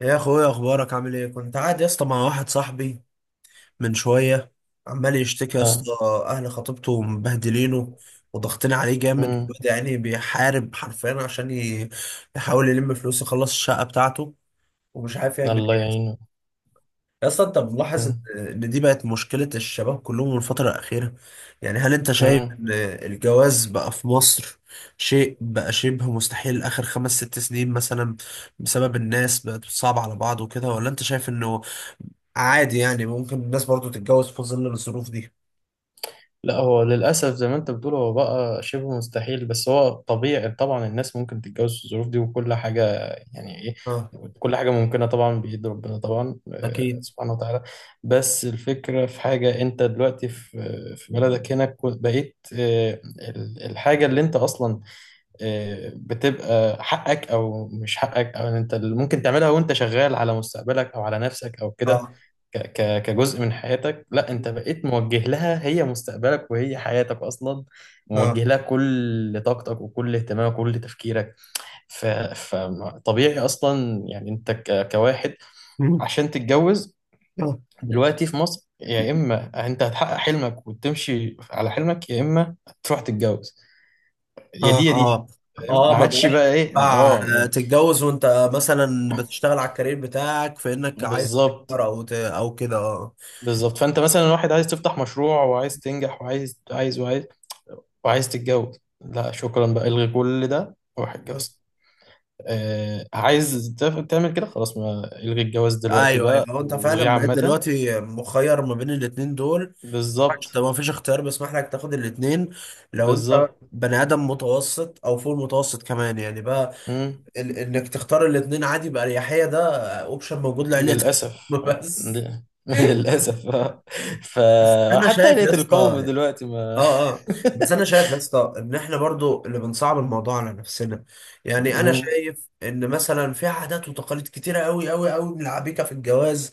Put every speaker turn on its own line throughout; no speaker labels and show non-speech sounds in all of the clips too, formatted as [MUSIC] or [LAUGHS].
يا اخويا، اخبارك؟ عامل ايه؟ كنت قاعد يا اسطى مع واحد صاحبي من شويه، عمال يشتكي يا
اه.
اسطى. اهل خطيبته مبهدلينه وضغطين عليه جامد،
امم
وبدا يعني بيحارب حرفيا عشان يحاول يلم فلوس يخلص الشقه بتاعته، ومش عارف يعمل
الله
ايه.
يعينه.
يا اسطى، انت ملاحظ ان
امم
إن دي بقت مشكله الشباب كلهم الفتره الاخيره؟ يعني هل انت شايف
امم
ان الجواز بقى في مصر شيء بقى شبه مستحيل اخر خمس ست سنين مثلا، بسبب الناس بقت صعبة على بعض وكده، ولا انت شايف انه عادي يعني ممكن الناس برضو تتجوز في ظل الظروف دي؟
لا، هو للأسف زي ما أنت بتقول هو بقى شبه مستحيل، بس هو طبيعي طبعا، الناس ممكن تتجوز في الظروف دي وكل حاجة. يعني إيه،
اه،
كل حاجة ممكنة طبعا بإيد ربنا طبعا،
اكيد.
سبحانه وتعالى. بس الفكرة في حاجة، أنت دلوقتي في بلدك هنا، بقيت الحاجة اللي أنت أصلا بتبقى حقك أو مش حقك، أو أنت اللي ممكن تعملها وأنت شغال على مستقبلك أو على نفسك أو كده،
اه،
ك ك كجزء من حياتك. لا، انت بقيت موجه لها، هي مستقبلك وهي حياتك اصلا،
اه.
موجه لها كل طاقتك وكل اهتمامك وكل تفكيرك. ف فطبيعي اصلا، يعني انت كواحد
[LAUGHS] مم.
عشان تتجوز
اه،
دلوقتي في مصر، يا اما انت هتحقق حلمك وتمشي على حلمك، يا اما تروح تتجوز، يا
اه،
دي يا دي.
اه،
فاهم؟ ما
اه. ما
عادش
بقاش
بقى ايه،
ينفع
اه.
تتجوز وانت مثلا بتشتغل على الكارير بتاعك، في انك عايز
بالظبط
تكبر او او كده. اه.
بالظبط. فانت مثلا واحد عايز تفتح مشروع، وعايز تنجح، وعايز عايز وعايز، وعايز تتجوز. لا شكرا، بقى الغي كل ده وروح
آه.
اتجوز. عايز تعمل كده، خلاص ما الغي الجواز دلوقتي
ايوه، ايوه.
بقى،
هو انت
والغيه
فعلا بقيت
عامة.
دلوقتي مخير ما بين الاتنين دول؟
بالظبط
طب ما فيش اختيار بيسمح لك تاخد الاتنين؟ لو انت
بالظبط.
بني ادم متوسط او فوق المتوسط كمان يعني، بقى
مم.
انك تختار الاتنين عادي بأريحية، ده اوبشن موجود لعيلتك. [LAUGHS]
للأسف،
بس
[LAUGHS] للأسف.
انا
فحتى
شايف يا
آلية
اسطى،
القوم دلوقتي ما...
اه، اه، بس
[LAUGHS]
انا شايف يا اسطى ان احنا برضو اللي بنصعب الموضوع على نفسنا. يعني انا
مم.
شايف ان مثلا في عادات وتقاليد كتيره قوي قوي قوي من العبيكه في الجواز،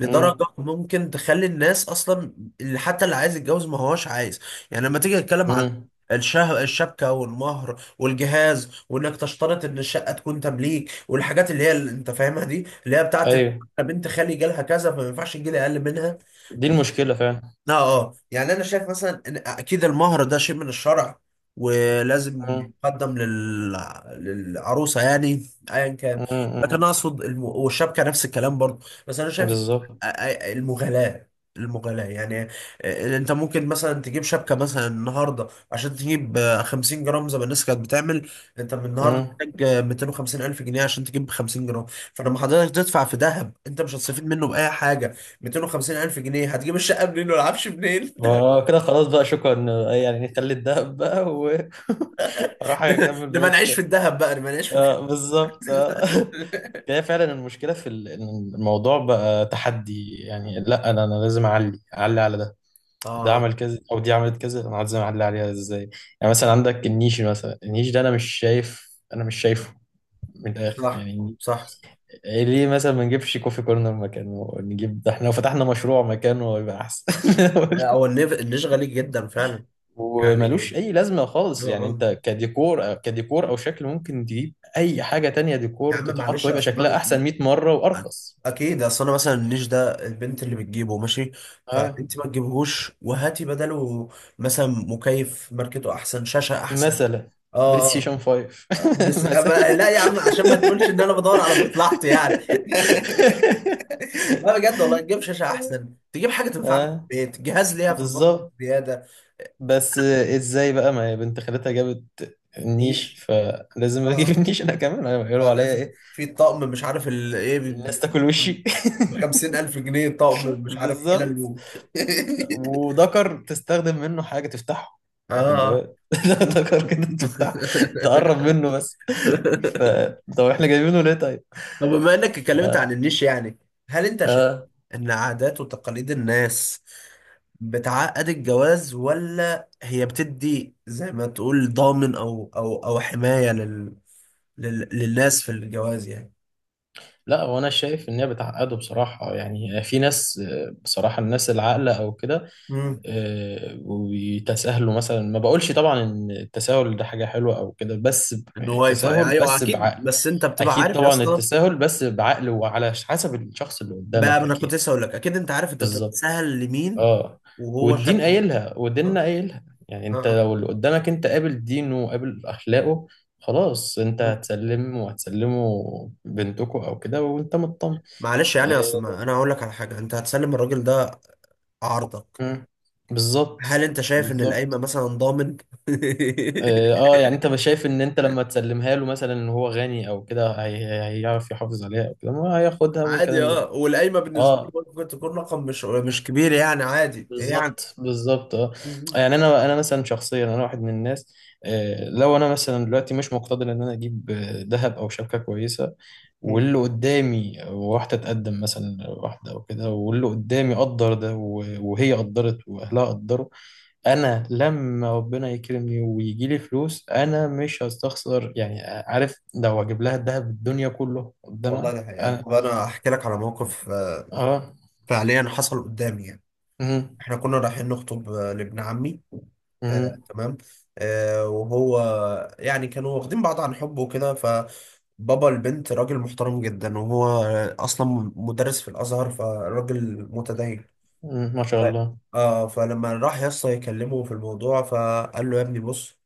لدرجه
مم.
ممكن تخلي الناس اصلا، اللي حتى اللي عايز يتجوز ما هوش عايز. يعني لما تيجي تتكلم عن
مم.
الشبكه والمهر والجهاز، وانك تشترط ان الشقه تكون تمليك، والحاجات اللي هي اللي انت فاهمها دي، اللي هي بتاعت
أيوه،
بنت خالي جالها كذا فما ينفعش تجيلي اقل منها.
دي المشكلة فعلا.
اه. اه، يعني انا شايف مثلا ان اكيد المهر ده شيء من الشرع، ولازم
مم.
يقدم للعروسه يعني، ايا كان.
مم.
لكن انا
مم.
اقصد والشبكه نفس الكلام برضه، بس انا شايف
بالظبط.
المغالاه. يعني، انت ممكن مثلا تجيب شبكه مثلا النهارده عشان تجيب 50 جرام زي ما الناس كانت بتعمل. انت من النهارده
مم.
محتاج 250 الف جنيه عشان تجيب 50 جرام. فلما حضرتك تدفع في ذهب انت مش هتستفيد منه باي حاجه. 250 الف جنيه هتجيب الشقه منين والعفش منين؟
كده خلاص بقى شكرا، يعني نخلي الدهب بقى واروح [LAUGHS]
[LAUGHS]
اكمل
نبقى نعيش في
بقية.
الذهب بقى، نبقى نعيش في
بالظبط. [LAUGHS]
[LAUGHS]
هي فعلا المشكلة في إن الموضوع بقى تحدي، يعني لا انا لازم اعلي اعلي على ده، ده
اه،
عمل كذا او دي عملت كذا، انا لازم اعلي عليها ازاي. يعني مثلا عندك النيش، مثلا النيش ده انا مش شايف، انا مش شايفه من الاخر
صح،
يعني.
صح.
إيه، ليه مثلا ما نجيبش كوفي كورنر مكانه؟ نجيب ده، احنا لو فتحنا مشروع مكانه هيبقى احسن. [LAUGHS]
هو النيش غالي جدا فعلا
وملوش
يعني.
اي لازمه
اه.
خالص، يعني
آه.
انت كديكور كديكور او شكل، ممكن تجيب اي حاجه تانية
يا
ديكور
عم
تتحط
معلش
ويبقى
اصل
شكلها احسن 100 مره وارخص.
اكيد، اصل انا مثلا النيش ده البنت اللي بتجيبه ماشي،
اه،
فانت ما تجيبهوش وهاتي بداله مثلا مكيف ماركته احسن، شاشه احسن.
مثلا بلاي
اه.
ستيشن 5،
آه.
[LAUGHS]
بس أما
مثلا.
لا يا عم، عشان ما تقولش ان انا بدور على مصلحتي يعني. [LAUGHS] لا بجد والله، تجيب شاشه احسن، تجيب حاجه تنفعنا
اه،
في البيت، جهاز ليها في المطبخ
بالظبط.
زياده.
بس ازاي بقى، ما هي بنت خالتها جابت النيش
نيش.
فلازم اجيب
اه.
النيش انا كمان، هيقولوا عليا
لازم
ايه؟
في طقم مش عارف ايه،
الناس تاكل وشي.
ب 50000 جنيه، طقم
[LAUGHS]
مش عارف حلل
بالظبط. وذكر تستخدم منه حاجة تفتحه
[LAUGHS]
بعد
اه.
الجواز، [LAUGHS] ذكر كده تفتح تقرب
[LAUGHS]
منه بس. [LAUGHS] ف... طب احنا جايبينه ليه طيب؟
طب بما انك اتكلمت عن
آه.
النيش، يعني هل انت شايف
آه.
ان عادات وتقاليد الناس بتعقد الجواز، ولا هي بتدي زي ما تقول ضامن او او او حماية للناس في الجواز يعني؟
لا، وانا شايف ان هي بتعقده بصراحه، يعني في ناس، بصراحه الناس العاقله او كده،
امم.
وبيتساهلوا مثلا. ما بقولش طبعا ان التساهل ده حاجه حلوه او كده، بس
ان هو
التساهل
ايوه
بس
اكيد،
بعقل.
بس انت بتبقى
اكيد
عارف يا
طبعا،
اسطى.
التساهل بس بعقل وعلى حسب الشخص اللي
بقى
قدامك
انا كنت
اكيد.
لسه اقول لك، اكيد انت عارف انت
بالظبط.
بتتسهل لمين.
اه،
وهو
والدين
شق. اه.
قايلها وديننا
اه.
قايلها، يعني انت
آه.
لو اللي قدامك انت قابل دينه وقابل اخلاقه، خلاص انت
مم.
هتسلم وهتسلمه بنتكو او كده وانت مطمن.
معلش يعني، اصل ما انا هقول لك على حاجه. انت هتسلم الراجل ده عارضه،
آه، بالظبط
هل انت شايف ان القايمه
بالظبط،
مثلا ضامن؟
اه.
[LAUGHS]
يعني انت شايف ان انت لما تسلمها له مثلا، ان هو غني او كده، هيعرف يحافظ عليها او كده، ما هياخدها
عادي.
ممكن.
اه. والقايمه بالنسبه لي
اه،
ممكن تكون رقم مش مش كبير يعني، عادي يعني.
بالظبط بالظبط، اه. يعني
[LAUGHS]
انا مثلا شخصيا، انا واحد من الناس، لو انا مثلا دلوقتي مش مقتدر ان انا اجيب ذهب او شبكه كويسه،
مم.
واللي قدامي واحده تقدم مثلا واحده او كده، واللي قدامي قدر ده وهي قدرت واهلها قدروا، انا لما ربنا يكرمني ويجي لي فلوس انا مش هستخسر، يعني عارف، لو اجيب لها الذهب الدنيا كله
والله
قدامها.
ده حقيقة.
انا.
طب انا احكي لك على موقف،
اه.
فعليا حصل قدامي يعني.
مم.
احنا كنا رايحين نخطب لابن عمي. آه،
مم.
تمام. آه، وهو يعني كانوا واخدين بعض عن حب وكده، فبابا البنت راجل محترم جدا، وهو اصلا مدرس في الازهر، فراجل متدين.
مم. ما شاء
ف...
الله.
اه. فلما راح يا اسطى يكلمه في الموضوع، فقال له: يا ابني بص،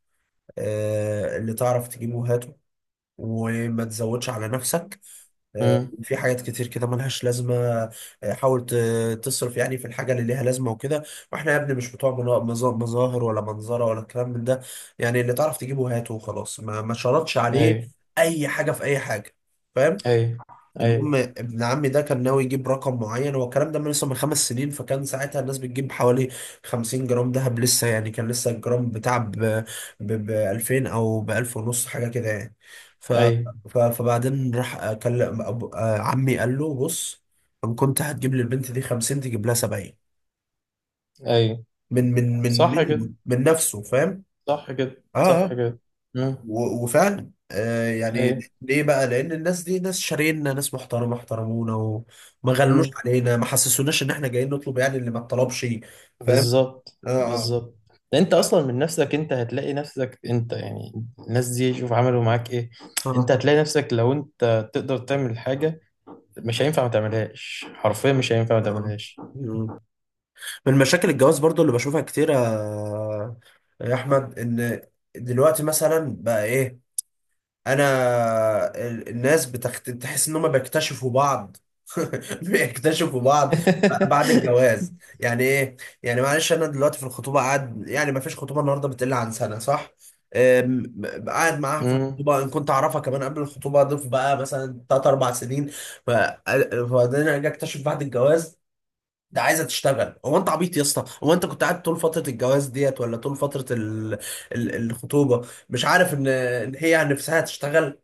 آه، اللي تعرف تجيبه هاته وما تزودش على نفسك. آه، في حاجات كتير كده ملهاش لازمة. آه، حاول تصرف يعني في الحاجة اللي ليها لازمة وكده. واحنا يا ابني مش بتوع مظاهر ولا منظرة ولا الكلام من ده. يعني اللي تعرف تجيبه هاته وخلاص، ما شرطش عليه
امم.
أي حاجة في أي حاجة. فاهم؟
اي اي
المهم ابن عمي ده كان ناوي يجيب رقم معين. هو الكلام ده من لسه من خمس سنين، فكان ساعتها الناس بتجيب حوالي 50 جرام دهب لسه يعني، كان لسه الجرام بتاع ب 2000 او ب 1000 ونص حاجه كده يعني. ف
اي
فبعدين راح كلم عمي، قال له: بص، ان كنت هتجيب للبنت دي 50 تجيب لها 70.
اي.
من من من
صح كده،
من من نفسه فاهم.
صح كده،
اه.
صح
آه.
كده. امم.
وفعلا آه يعني،
اي.
ليه بقى؟ لأن الناس دي ناس شارينا، ناس محترمة احترمونا، وما غلوش
امم.
علينا، ما حسسوناش إن إحنا جايين نطلب يعني اللي ما اتطلبش. فاهم؟
بالظبط
آه، آه.
بالظبط. ده انت اصلا من نفسك، انت هتلاقي نفسك، انت يعني الناس دي شوف عملوا معاك ايه، انت
آه،
هتلاقي نفسك لو انت تقدر تعمل حاجة مش هينفع ما تعملهاش، حرفيا مش هينفع ما
آه.
تعملهاش.
مم. من مشاكل الجواز برضو اللي بشوفها كتير يا أحمد، إن دلوقتي مثلا بقى إيه؟ انا الناس تحس ان هم بيكتشفوا بعض. [LAUGHS] بيكتشفوا بعض بعد
[LAUGHS]
الجواز. يعني ايه؟ يعني معلش انا دلوقتي في الخطوبه قاعد يعني، ما فيش خطوبه النهارده بتقل عن سنه، صح؟ أم، قاعد معاها في
امم.
الخطوبه، ان كنت اعرفها كمان قبل الخطوبه اضيف بقى مثلا ثلاث اربع سنين. ف- وبعدين اجي اكتشف بعد الجواز ده عايزه تشتغل. هو انت عبيط يا اسطى؟ هو انت كنت قاعد طول فتره الجواز ديت ولا طول فتره الخطوبه، مش عارف ان هي عن نفسها تشتغل؟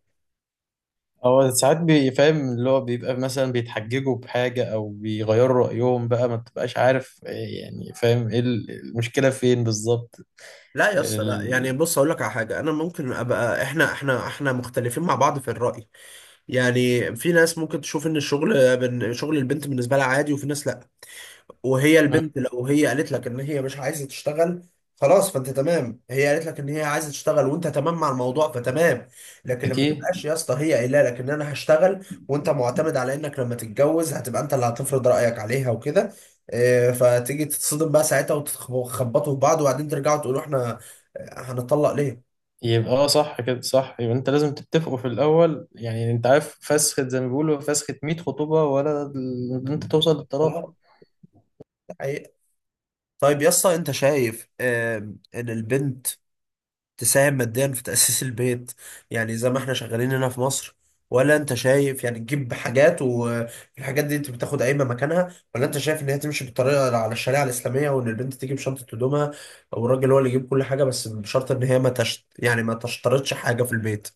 هو ساعات بيفهم، اللي هو بيبقى مثلا بيتحججوا بحاجة أو بيغيروا رأيهم بقى، ما بتبقاش عارف إيه يعني، فاهم إيه المشكلة فين بالظبط.
لا يا اسطى لا، يعني
ال...
بص اقول لك على حاجه، انا ممكن ابقى احنا مختلفين مع بعض في الراي. يعني في ناس ممكن تشوف ان الشغل شغل البنت بالنسبه لها عادي، وفي ناس لا. وهي
مم.
البنت لو هي قالت لك ان هي مش عايزه تشتغل خلاص، فانت تمام. هي قالت لك ان هي عايزه تشتغل وانت تمام مع الموضوع، فتمام. لكن لما
أكيد.
تبقاش يا اسطى هي قايله لك ان انا هشتغل، وانت معتمد على انك لما تتجوز هتبقى انت اللي هتفرض رايك عليها وكده، فتيجي تتصدم بقى ساعتها وتخبطوا في بعض، وبعدين ترجعوا تقولوا احنا هنطلق ليه؟
يبقى اه، صح كده صح، يبقى أنت لازم تتفقوا في الأول، يعني أنت عارف فسخة، زي ما بيقولوا فسخة 100 خطوبة، ولا إن أنت توصل للطلاق.
خلاص. ده حقيقة. طيب يا اسطى، انت شايف ان البنت تساهم ماديا في تأسيس البيت، يعني زي ما احنا شغالين هنا في مصر؟ ولا انت شايف يعني تجيب حاجات والحاجات دي انت بتاخد قايمة مكانها؟ ولا انت شايف ان هي تمشي بالطريقة على الشريعة الإسلامية، وان البنت تجيب شنطة هدومها او الراجل هو اللي يجيب كل حاجة، بس بشرط ان هي ما تشت يعني ما تشترطش حاجة في البيت؟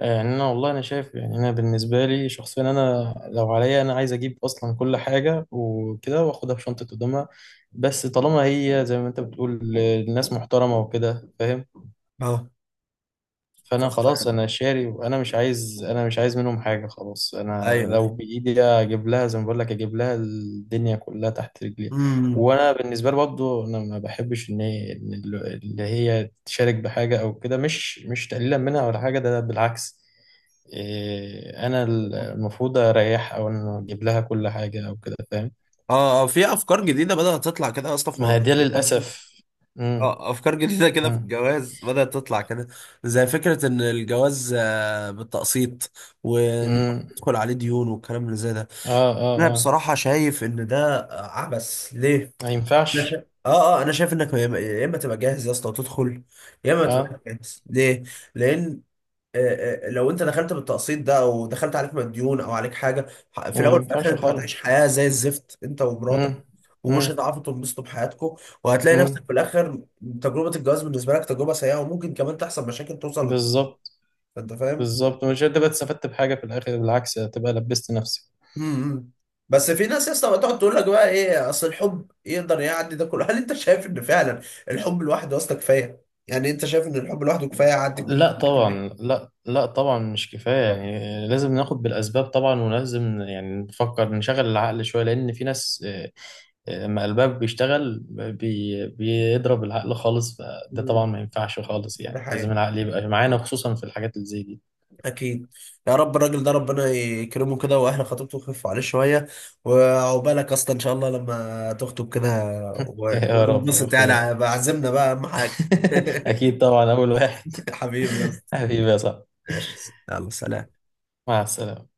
يعني، انا والله انا شايف، يعني انا بالنسبه لي شخصيا، انا لو عليا انا عايز اجيب اصلا كل حاجه وكده، واخدها في شنطه قدامها. بس طالما هي زي ما انت بتقول الناس محترمه وكده، فاهم،
اه. ف...
فانا خلاص انا شاري، وانا مش عايز، انا مش عايز منهم حاجه، خلاص انا
ايوه،
لو
ايوه.
بايدي اجيب لها زي ما بقول لك، اجيب لها الدنيا كلها تحت رجليها.
امم.
وانا بالنسبه لي برضه انا ما بحبش ان هي، إن اللي هي تشارك بحاجه او كده، مش تقليلا منها ولا حاجه، ده بالعكس. إيه، انا المفروض اريح، او انا اجيب لها كل حاجه او كده، فاهم.
اه، اه. في افكار جديده بدات تطلع كده اصلا في
ما هي
موضوع
دي
الجواز.
للاسف. امم.
اه، افكار جديده كده في
امم.
الجواز بدات تطلع كده، زي فكره ان الجواز بالتقسيط،
امم.
وندخل عليه ديون والكلام اللي زي ده.
اه. اه.
انا
اه،
بصراحه شايف ان ده عبث. ليه؟
ما
انا شايف،
ينفعش.
اه، اه، انا شايف انك يا اما يا إما تبقى جاهز يا اسطى وتدخل، يا اما تبقى
اه،
جاهز ليه؟ لان لو انت دخلت بالتقسيط ده او دخلت عليك مديون او عليك حاجه، في
ما
الاول وفي الاخر
ينفعش
انت
خالص.
هتعيش حياه زي الزفت انت
امم.
ومراتك،
امم.
ومش هتعرفوا تنبسطوا بحياتكم، وهتلاقي نفسك
امم.
في الاخر تجربه الجواز بالنسبه لك تجربه سيئه، وممكن كمان تحصل مشاكل توصل.
بالظبط
انت فاهم؟
بالظبط، مش هتبقى استفدت بحاجه في الاخر، بالعكس هتبقى لبست نفسك.
امم. امم. بس في ناس يا اسطى بتقعد تقول لك بقى ايه، اصل الحب يقدر يعدي ده كله. [LAUGHS] هل انت شايف ان فعلا الحب لوحده اصلا كفايه؟ يعني انت شايف ان الحب لوحده كفايه يعدي كل
لا
الفكره دي؟
طبعا، لا لا طبعا مش كفايه، يعني لازم
[LAUGHS]
ناخد بالاسباب طبعا، ولازم يعني نفكر نشغل العقل شويه، لان في ناس، لما قلبها بيشتغل بيضرب العقل خالص، فده
مم.
طبعا ما ينفعش خالص،
ده
يعني لازم
حقيقي.
العقل يبقى معانا خصوصا في الحاجات اللي زي دي.
اكيد. يا رب الراجل ده ربنا يكرمه كده، واهل خطيبته يخفوا عليه شويه، وعقبالك اصلا ان شاء الله لما تخطب كده،
[LAUGHS] يا رب يا
وننبسط
اخويا.
يعني بعزمنا بقى اهم حاجه.
[LAUGHS] اكيد طبعا، اول واحد.
[LAUGHS] حبيبي يا
[LAUGHS]
اسطى.
حبيبي يا صاحبي.
ماشي. يلا، سلام.
مع السلامه.